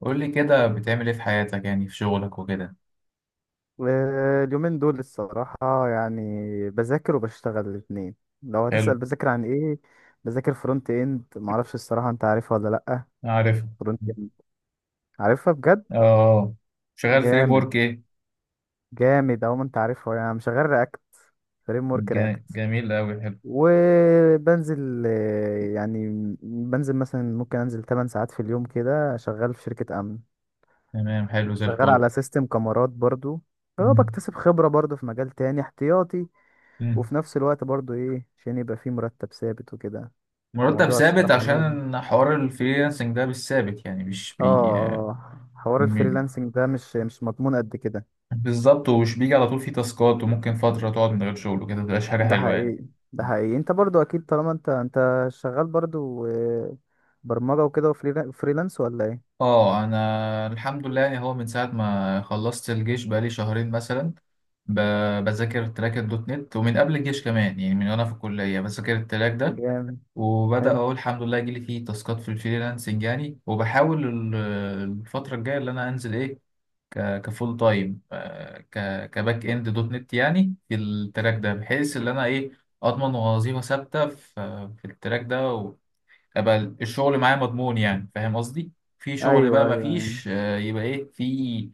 قول لي كده بتعمل ايه في حياتك، يعني في شغلك وكده. اليومين دول الصراحة، يعني بذاكر وبشتغل الاتنين. لو حلو. هتسأل بذاكر عن ايه؟ بذاكر فرونت اند، معرفش الصراحة انت عارفها ولا لأ. عارف. فرونت اند. عارفها بجد؟ اه. شغال فري جامد. بورك ايه؟ جامد اهو، ما انت عارفها، يعني شغال رياكت، فريم ورك رياكت. جميل قوي حلو. وبنزل، يعني بنزل مثلا ممكن انزل 8 ساعات في اليوم كده، شغال في شركة امن. تمام، حلو زي شغال الفل. على سيستم كاميرات برضو. هو مم. بكتسب خبرة برضو في مجال تاني احتياطي. مم. وفي نفس الوقت برضو ايه، عشان يبقى فيه مرتب ثابت وكده. مرتب موضوع ثابت الصراحة ده- عشان حوار الفريلانسنج ده مش ثابت، يعني مش اه، بي اه، حوار م- الفريلانسنج ده مش مضمون قد كده. بالظبط، ومش بيجي على طول، فيه تاسكات وممكن فترة تقعد من غير شغل وكده، متبقاش حاجة ده حلوة يعني. حقيقي. ده حقيقي، انت برضو اكيد طالما انت شغال برضو، برمجة وكده وفريلانس ولا ايه؟ اه انا الحمد لله، يعني هو من ساعه ما خلصت الجيش بقالي شهرين مثلا، بذاكر تراك الدوت نت، ومن قبل الجيش كمان، يعني من وانا في الكليه بذاكر التراك ده. جامد. وبدا حلو. اهو الحمد لله يجيلي فيه تاسكات في الفريلانسنج، يعني وبحاول الفتره الجايه اللي انا انزل ايه، كفول تايم كباك اند دوت نت، يعني في التراك ده، بحيث ان انا ايه اضمن وظيفه ثابته في التراك ده، ابقى الشغل معايا مضمون، يعني فاهم قصدي. في شغل ايوه، بقى ما ايوه، ايوه، فيش يبقى ايه في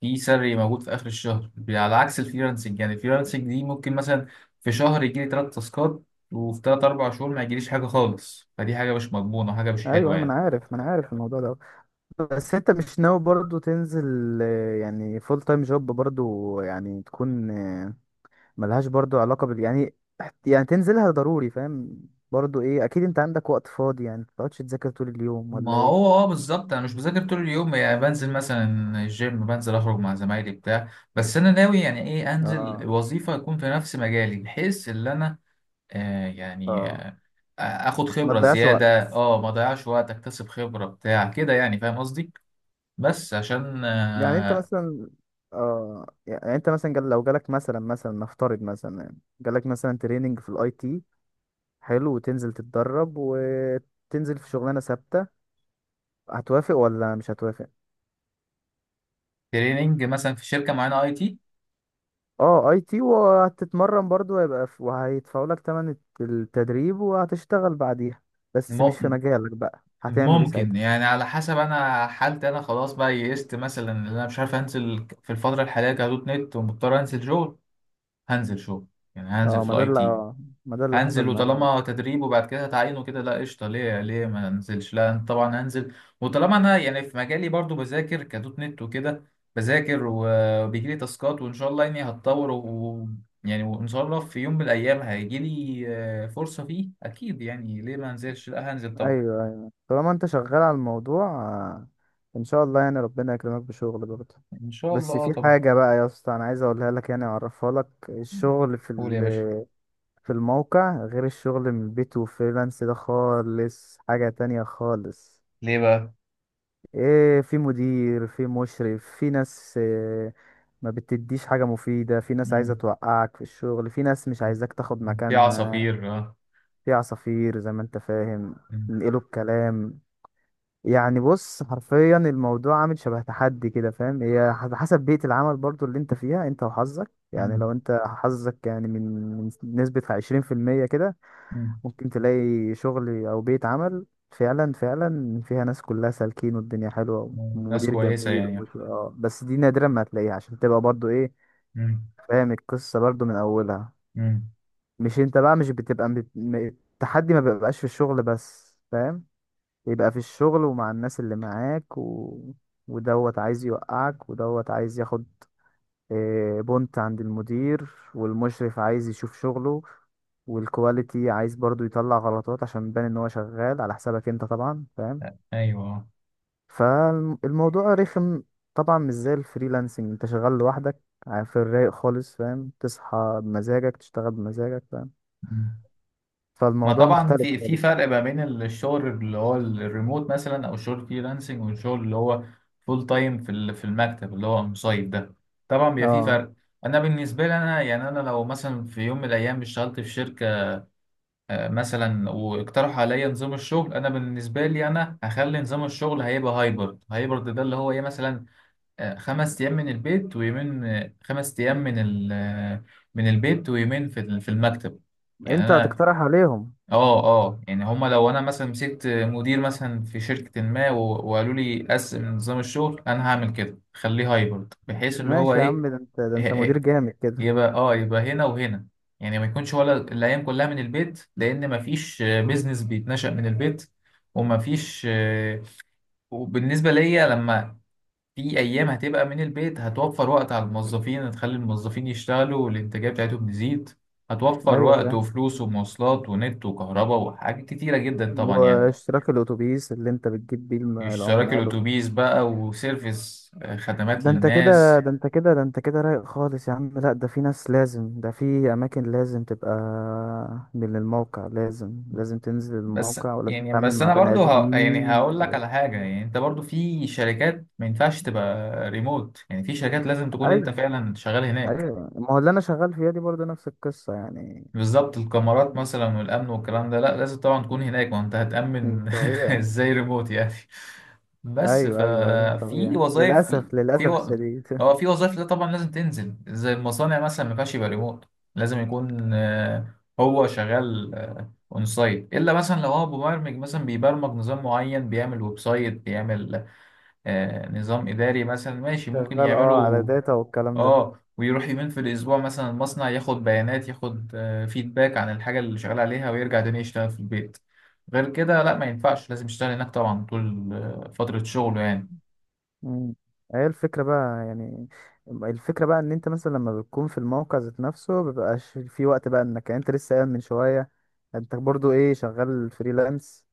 في سري موجود في اخر الشهر، على عكس الفريلانسنج. يعني الفريلانسنج دي ممكن مثلا في شهر يجي لي 3 تاسكات، وفي ثلاث اربع شهور ما يجيليش حاجه خالص، فدي حاجه مش مضمونه وحاجه مش ايوه، أيوه، حلوه ما انا يعني. عارف، ما انا عارف الموضوع ده. بس انت مش ناوي برضو تنزل، يعني فول تايم جوب برضو، يعني تكون، ملهاش برضو علاقة بال، يعني. يعني تنزلها ضروري، فاهم. برضو ايه؟ اكيد انت عندك وقت فاضي، يعني متقعدش تذاكر طول اليوم ما ولا ايه؟ هو اه بالظبط، انا مش بذاكر طول اليوم، يعني بنزل مثلا الجيم، بنزل اخرج مع زمايلي بتاع. بس انا ناوي، يعني ايه انزل اه، وظيفه يكون في نفس مجالي، بحيث ان انا يعني اه، اخد ما خبره تضيعش وقت. زياده. اه ما اضيعش وقت، اكتسب خبره بتاع كده، يعني فاهم قصدي. بس عشان يعني انت مثلا اه يعني انت مثلا لو جالك مثلا نفترض مثلا، يعني جالك مثلا تريننج في الاي تي. حلو، وتنزل تتدرب وتنزل في شغلانة ثابتة. هتوافق ولا مش هتوافق؟ تريننج مثلا في شركه معينه اي تي. اه، اي تي، وهتتمرن برضو هيبقى وهيدفعوا لك تمن التدريب وهتشتغل بعديها. بس مش في م- مجالك بقى، هتعمل ايه ممكن، ساعتها؟ يعني على حسب انا حالتي، انا خلاص بقى يئست مثلا ان انا مش عارف انزل في الفتره الحاليه كدوت نت، ومضطر انزل شغل. هنزل شغل. يعني هنزل اه، في الاي تي. ما ده اللي حصل هنزل، معايا بقى. وطالما تدريب وبعد كده هتعينه كده، لا قشطه، ليه ليه ما انزلش، لا أنا طبعا هنزل. وطالما انا، يعني في مجالي برضو بذاكر كدوت نت وكده، بذاكر وبيجي لي تاسكات، وان شاء الله يعني هتطور و يعني وان شاء الله في يوم من الايام هيجي لي فرصه فيه اكيد، يعني ليه ما انزلش؟ لا هنزل طبعا. ايوه، ايوه، طالما انت شغال على الموضوع، ان شاء الله يعني ربنا يكرمك بشغل برضه. ان شاء الله بس آه في طبعا. حاجة بقى يا اسطى، انا عايز اقولها لك، يعني اعرفها لك. الشغل قول يا باشا. في الموقع غير الشغل من البيت وفريلانس، ده خالص حاجة تانية خالص. ليه بقى؟ ايه، في مدير، في مشرف، في ناس، ما بتديش حاجة مفيدة، في ناس عايزة مم. توقعك في الشغل، في ناس مش عايزاك تاخد في مكانها. عصافير اه. في عصافير زي ما انت فاهم، مم. ينقلوا الكلام. يعني بص، حرفيا الموضوع عامل شبه تحدي كده، فاهم؟ هي على حسب بيئة العمل برضو اللي انت فيها، انت وحظك، يعني مم. لو انت حظك يعني من نسبة عشرين في المية كده، مم. ممكن تلاقي شغل او بيت عمل فعلا، فعلا فيها ناس كلها سالكين والدنيا حلوه ناس ومدير كويسة جميل يعني. ومش، اه، بس دي نادرا ما هتلاقيها عشان تبقى برضو ايه. مم. فاهم القصه برضو من اولها. مم. مش انت بقى مش بتبقى التحدي ما بيبقاش في الشغل بس، فاهم؟ يبقى في الشغل ومع الناس اللي معاك ودوت عايز يوقعك، ودوت عايز ياخد بنت عند المدير، والمشرف عايز يشوف شغله، والكواليتي عايز برضو يطلع غلطات عشان يبان ان هو شغال على حسابك انت، طبعا فاهم. ايوه. فالموضوع رخم طبعا، مش زي الفريلانسنج. انت شغال لوحدك في الرايق خالص، فاهم، تصحى بمزاجك، تشتغل بمزاجك، فاهم، ما فالموضوع طبعا مختلف في خالص. فرق ما بين الشغل اللي هو الريموت مثلا، او الشغل فريلانسنج، والشغل اللي هو فول تايم في المكتب اللي هو مصيف ده، طبعا بيبقى في اه، فرق. انا بالنسبه لي انا، يعني انا لو مثلا في يوم من الايام اشتغلت في شركه مثلا، واقترحوا عليا نظام الشغل، انا بالنسبه لي انا هخلي نظام الشغل هيبقى هايبرد، هايبرد ده اللي هو ايه مثلا 5 ايام من البيت ويومين 5 ايام من من البيت ويومين في المكتب. يعني انت انا هتقترح عليهم. اه اه، يعني هما لو انا مثلا مسكت مدير مثلا في شركة ما و- وقالوا لي قسم نظام الشغل، انا هعمل كده، خليه هايبرد بحيث اللي هو ماشي يا ايه. عم، ده انت، ده إيه- انت مدير إيه، جامد كده. يبقى هنا وهنا، يعني ما يكونش ولا الايام كلها من البيت، لان ما فيش بيزنس بيتنشأ من البيت وما فيش. وبالنسبة ليا لما في ايام هتبقى من البيت، هتوفر وقت على الموظفين، هتخلي الموظفين يشتغلوا والانتاجيه بتاعتهم تزيد، هتوفر ايوه وقت فاهم. وفلوس ومواصلات ونت وكهرباء وحاجات كتيره جدا طبعا يعني، واشتراك الاتوبيس اللي انت بتجيب بيه اشتراك العمال. الاتوبيس بقى، وسيرفيس خدمات ده انت كده، للناس. ده انت كده، ده انت كده رايق خالص يا عم. لا، ده في ناس لازم، ده في اماكن لازم تبقى من الموقع، لازم تنزل بس الموقع، ولازم يعني تتعامل بس مع انا بني برضو يعني ادمين هقول لك على حاجه، يعني انت برضو في شركات ما ينفعش تبقى ريموت، يعني في شركات لازم تكون انت ايوه، فعلا شغال هناك. ايوه، ما هو اللي انا شغال فيها دي برضه نفس القصه يعني. بالظبط، الكاميرات مثلا والامن والكلام ده، لا لازم طبعا تكون هناك، ما انت مم. هتامن طبيعي. ازاي ريموت يعني. بس ايوه، ايوه، ايوه، ففي طبيعي وظائف للاسف، في للاسف و... الشديد. هو في وظائف ده طبعا لازم تنزل، زي المصانع مثلا ما ينفعش يبقى ريموت، لازم يكون هو شغال اون سايت، الا مثلا لو هو مبرمج مثلا بيبرمج نظام معين، بيعمل ويب سايت، بيعمل نظام اداري مثلا، ماشي ممكن شغال اه، على يعمله. داتا والكلام ده. اه ويروح يومين في الاسبوع مثلا المصنع، ياخد بيانات، ياخد فيدباك عن الحاجه اللي شغال عليها، ويرجع تاني يشتغل في البيت. غير كده لا ما ينفعش، لازم يشتغل هناك طبعا طول فتره شغله يعني. مم. هي الفكرة بقى يعني، الفكرة بقى ان انت مثلا لما بتكون في الموقع ذات نفسه، مبيبقاش في وقت بقى انك، يعني انت لسه قايل من شوية انت برضو ايه، شغال فريلانس.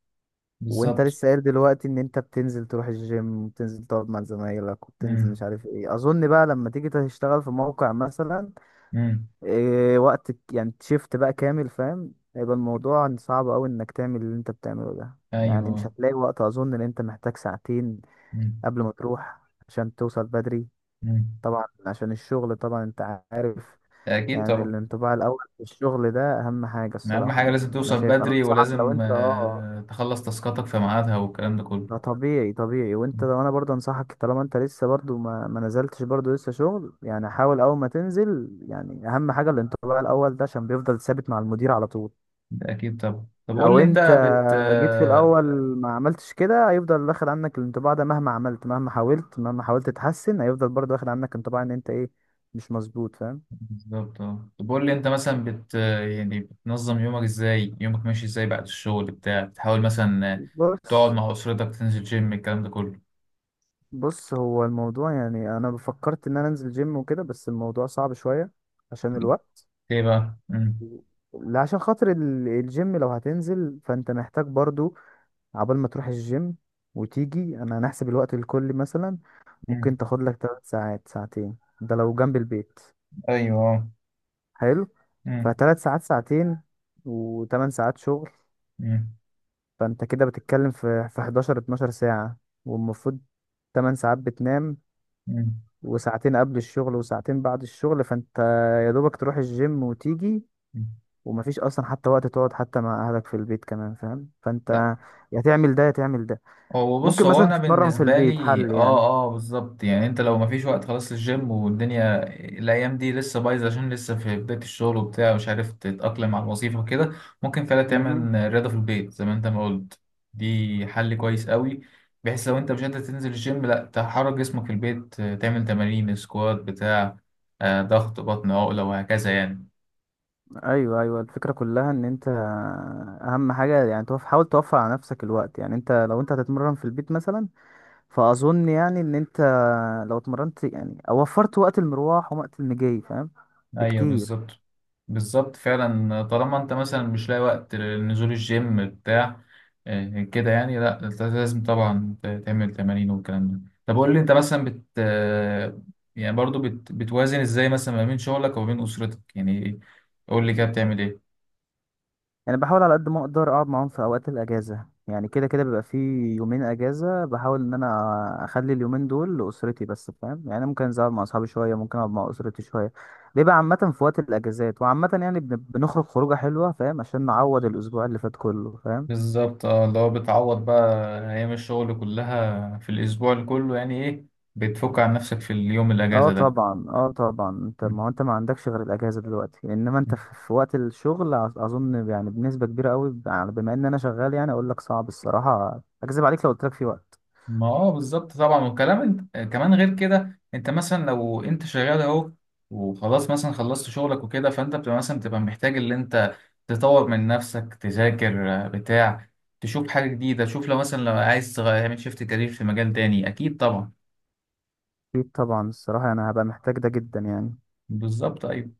وانت بالظبط. لسه قايل دلوقتي ان انت بتنزل تروح الجيم، وبتنزل تقعد مع زمايلك، وبتنزل مش امم. عارف ايه. اظن بقى لما تيجي تشتغل في موقع مثلا امم. وقت يعني شيفت بقى كامل، فاهم، هيبقى الموضوع صعب قوي انك تعمل اللي انت بتعمله ده. يعني مش ايوه. هتلاقي وقت، اظن ان انت محتاج ساعتين امم. قبل ما تروح، عشان توصل بدري. امم. طبعا عشان الشغل، طبعا انت عارف، اكيد يعني طبعا، الانطباع الاول في الشغل ده اهم حاجه اهم الصراحه، حاجه لازم يعني انا توصل شايف، انا بدري، انصحك لو ولازم انت اه. تخلص تاسكاتك في ميعادها والكلام ده كله. ده طبيعي، طبيعي. وانت لو، انا برضه انصحك طالما انت لسه برضه ما نزلتش برضه لسه شغل، يعني حاول اول ما تنزل، يعني اهم حاجه الانطباع الاول ده عشان بيفضل ثابت مع المدير على طول. ده اكيد طبعا. طب قول لو لي انت انت بت جيت في آه، الاول ما عملتش كده، هيفضل واخد عنك الانطباع ده مهما عملت، مهما حاولت تتحسن، هيفضل برضه واخد عنك انطباع ان انت ايه، مش مظبوط، فاهم. بالظبط اه، طب قول لي انت مثلا يعني بتنظم يومك ازاي، يومك ماشي ازاي بعد الشغل بتاع؟ بتحاول مثلا تقعد بص، مع اسرتك، تنزل جيم، الكلام ده كله. بص، هو الموضوع يعني انا فكرت ان انا انزل جيم وكده، بس الموضوع صعب شوية عشان بت- الوقت. ايه بقى؟ امم. لا، عشان خاطر الجيم. لو هتنزل فانت محتاج برضو، عبال ما تروح الجيم وتيجي. انا هنحسب الوقت الكلي مثلا، امم. ممكن تاخد لك 3 ساعات، ساعتين ده لو جنب البيت، ايوه. حلو. امم. فتلات ساعات، ساعتين، وتمن ساعات شغل، امم. فانت كده بتتكلم في 11، 12 ساعة. والمفروض 8 ساعات بتنام، امم. وساعتين قبل الشغل، وساعتين بعد الشغل، فانت يا دوبك تروح الجيم وتيجي، ومفيش اصلا حتى وقت تقعد حتى مع اهلك في البيت كمان، فاهم. فانت يا تعمل ده يا تعمل ده. هو بص، ممكن هو مثلا انا تتمرن في بالنسبه البيت، لي حل اه. يعني. اه بالظبط، يعني انت لو مفيش وقت خلاص للجيم والدنيا، الايام دي لسه بايظه، عشان لسه في بدايه الشغل وبتاع، مش عارف تتاقلم على الوظيفه وكده، ممكن فعلا امم، تعمل رياضه في البيت زي ما انت ما قلت، دي حل كويس قوي. بحيث لو انت مش قادر تنزل الجيم، لا تحرك جسمك في البيت، تعمل تمارين سكوات بتاع ضغط بطن عقله وهكذا يعني. ايوه، ايوه، الفكره كلها ان انت اهم حاجه يعني، حاول توفر على نفسك الوقت، يعني انت لو انت هتتمرن في البيت مثلا فاظن يعني ان انت لو اتمرنت، يعني أو وفرت وقت المروح ووقت المجي، فاهم، ايوه بكتير. بالظبط. بالظبط فعلا، طالما انت مثلا مش لاقي وقت لنزول الجيم بتاع كده يعني، لا انت لازم طبعا تعمل تمارين والكلام ده. طب قول لي انت مثلا بت آه، يعني برضو بتوازن ازاي مثلا ما بين شغلك وما بين اسرتك، يعني؟ قول لي كده بتعمل ايه؟ يعني بحاول على قد ما اقدر اقعد معاهم في اوقات الاجازه، يعني كده كده بيبقى في يومين اجازه، بحاول ان انا اخلي اليومين دول لاسرتي بس، فاهم، يعني ممكن انزل أقعد مع اصحابي شويه، ممكن اقعد مع اسرتي شويه. بيبقى عامه في وقت الاجازات، وعامه يعني بنخرج خروجه حلوه، فاهم، عشان نعوض الاسبوع اللي فات كله، فاهم. بالظبط اه، اللي هو بتعوض بقى ايام الشغل كلها في الاسبوع اللي كله، يعني ايه، بتفك عن نفسك في اليوم اه الاجازة طبعا، اه طبعا، انت ده. ما هو انت ما عندكش غير الاجازه دلوقتي، انما انت في وقت الشغل اظن يعني بنسبه كبيره قوي، بما ان انا شغال، يعني اقول لك صعب الصراحه، اكذب عليك لو قلت لك في وقت. ما اه بالظبط طبعا، وكلام. انت كمان غير كده، انت مثلا لو انت شغال اهو وخلاص، مثلا خلصت شغلك وكده، فانت بتبقى مثلا بتبقى محتاج اللي انت تطور من نفسك، تذاكر بتاع، تشوف حاجة جديدة، تشوف لو مثلا عايز تعمل شيفت كارير في مجال تاني، اكيد طبعا. أكيد طبعا، الصراحة أنا هبقى محتاج ده جدا، يعني. بالظبط ايوه.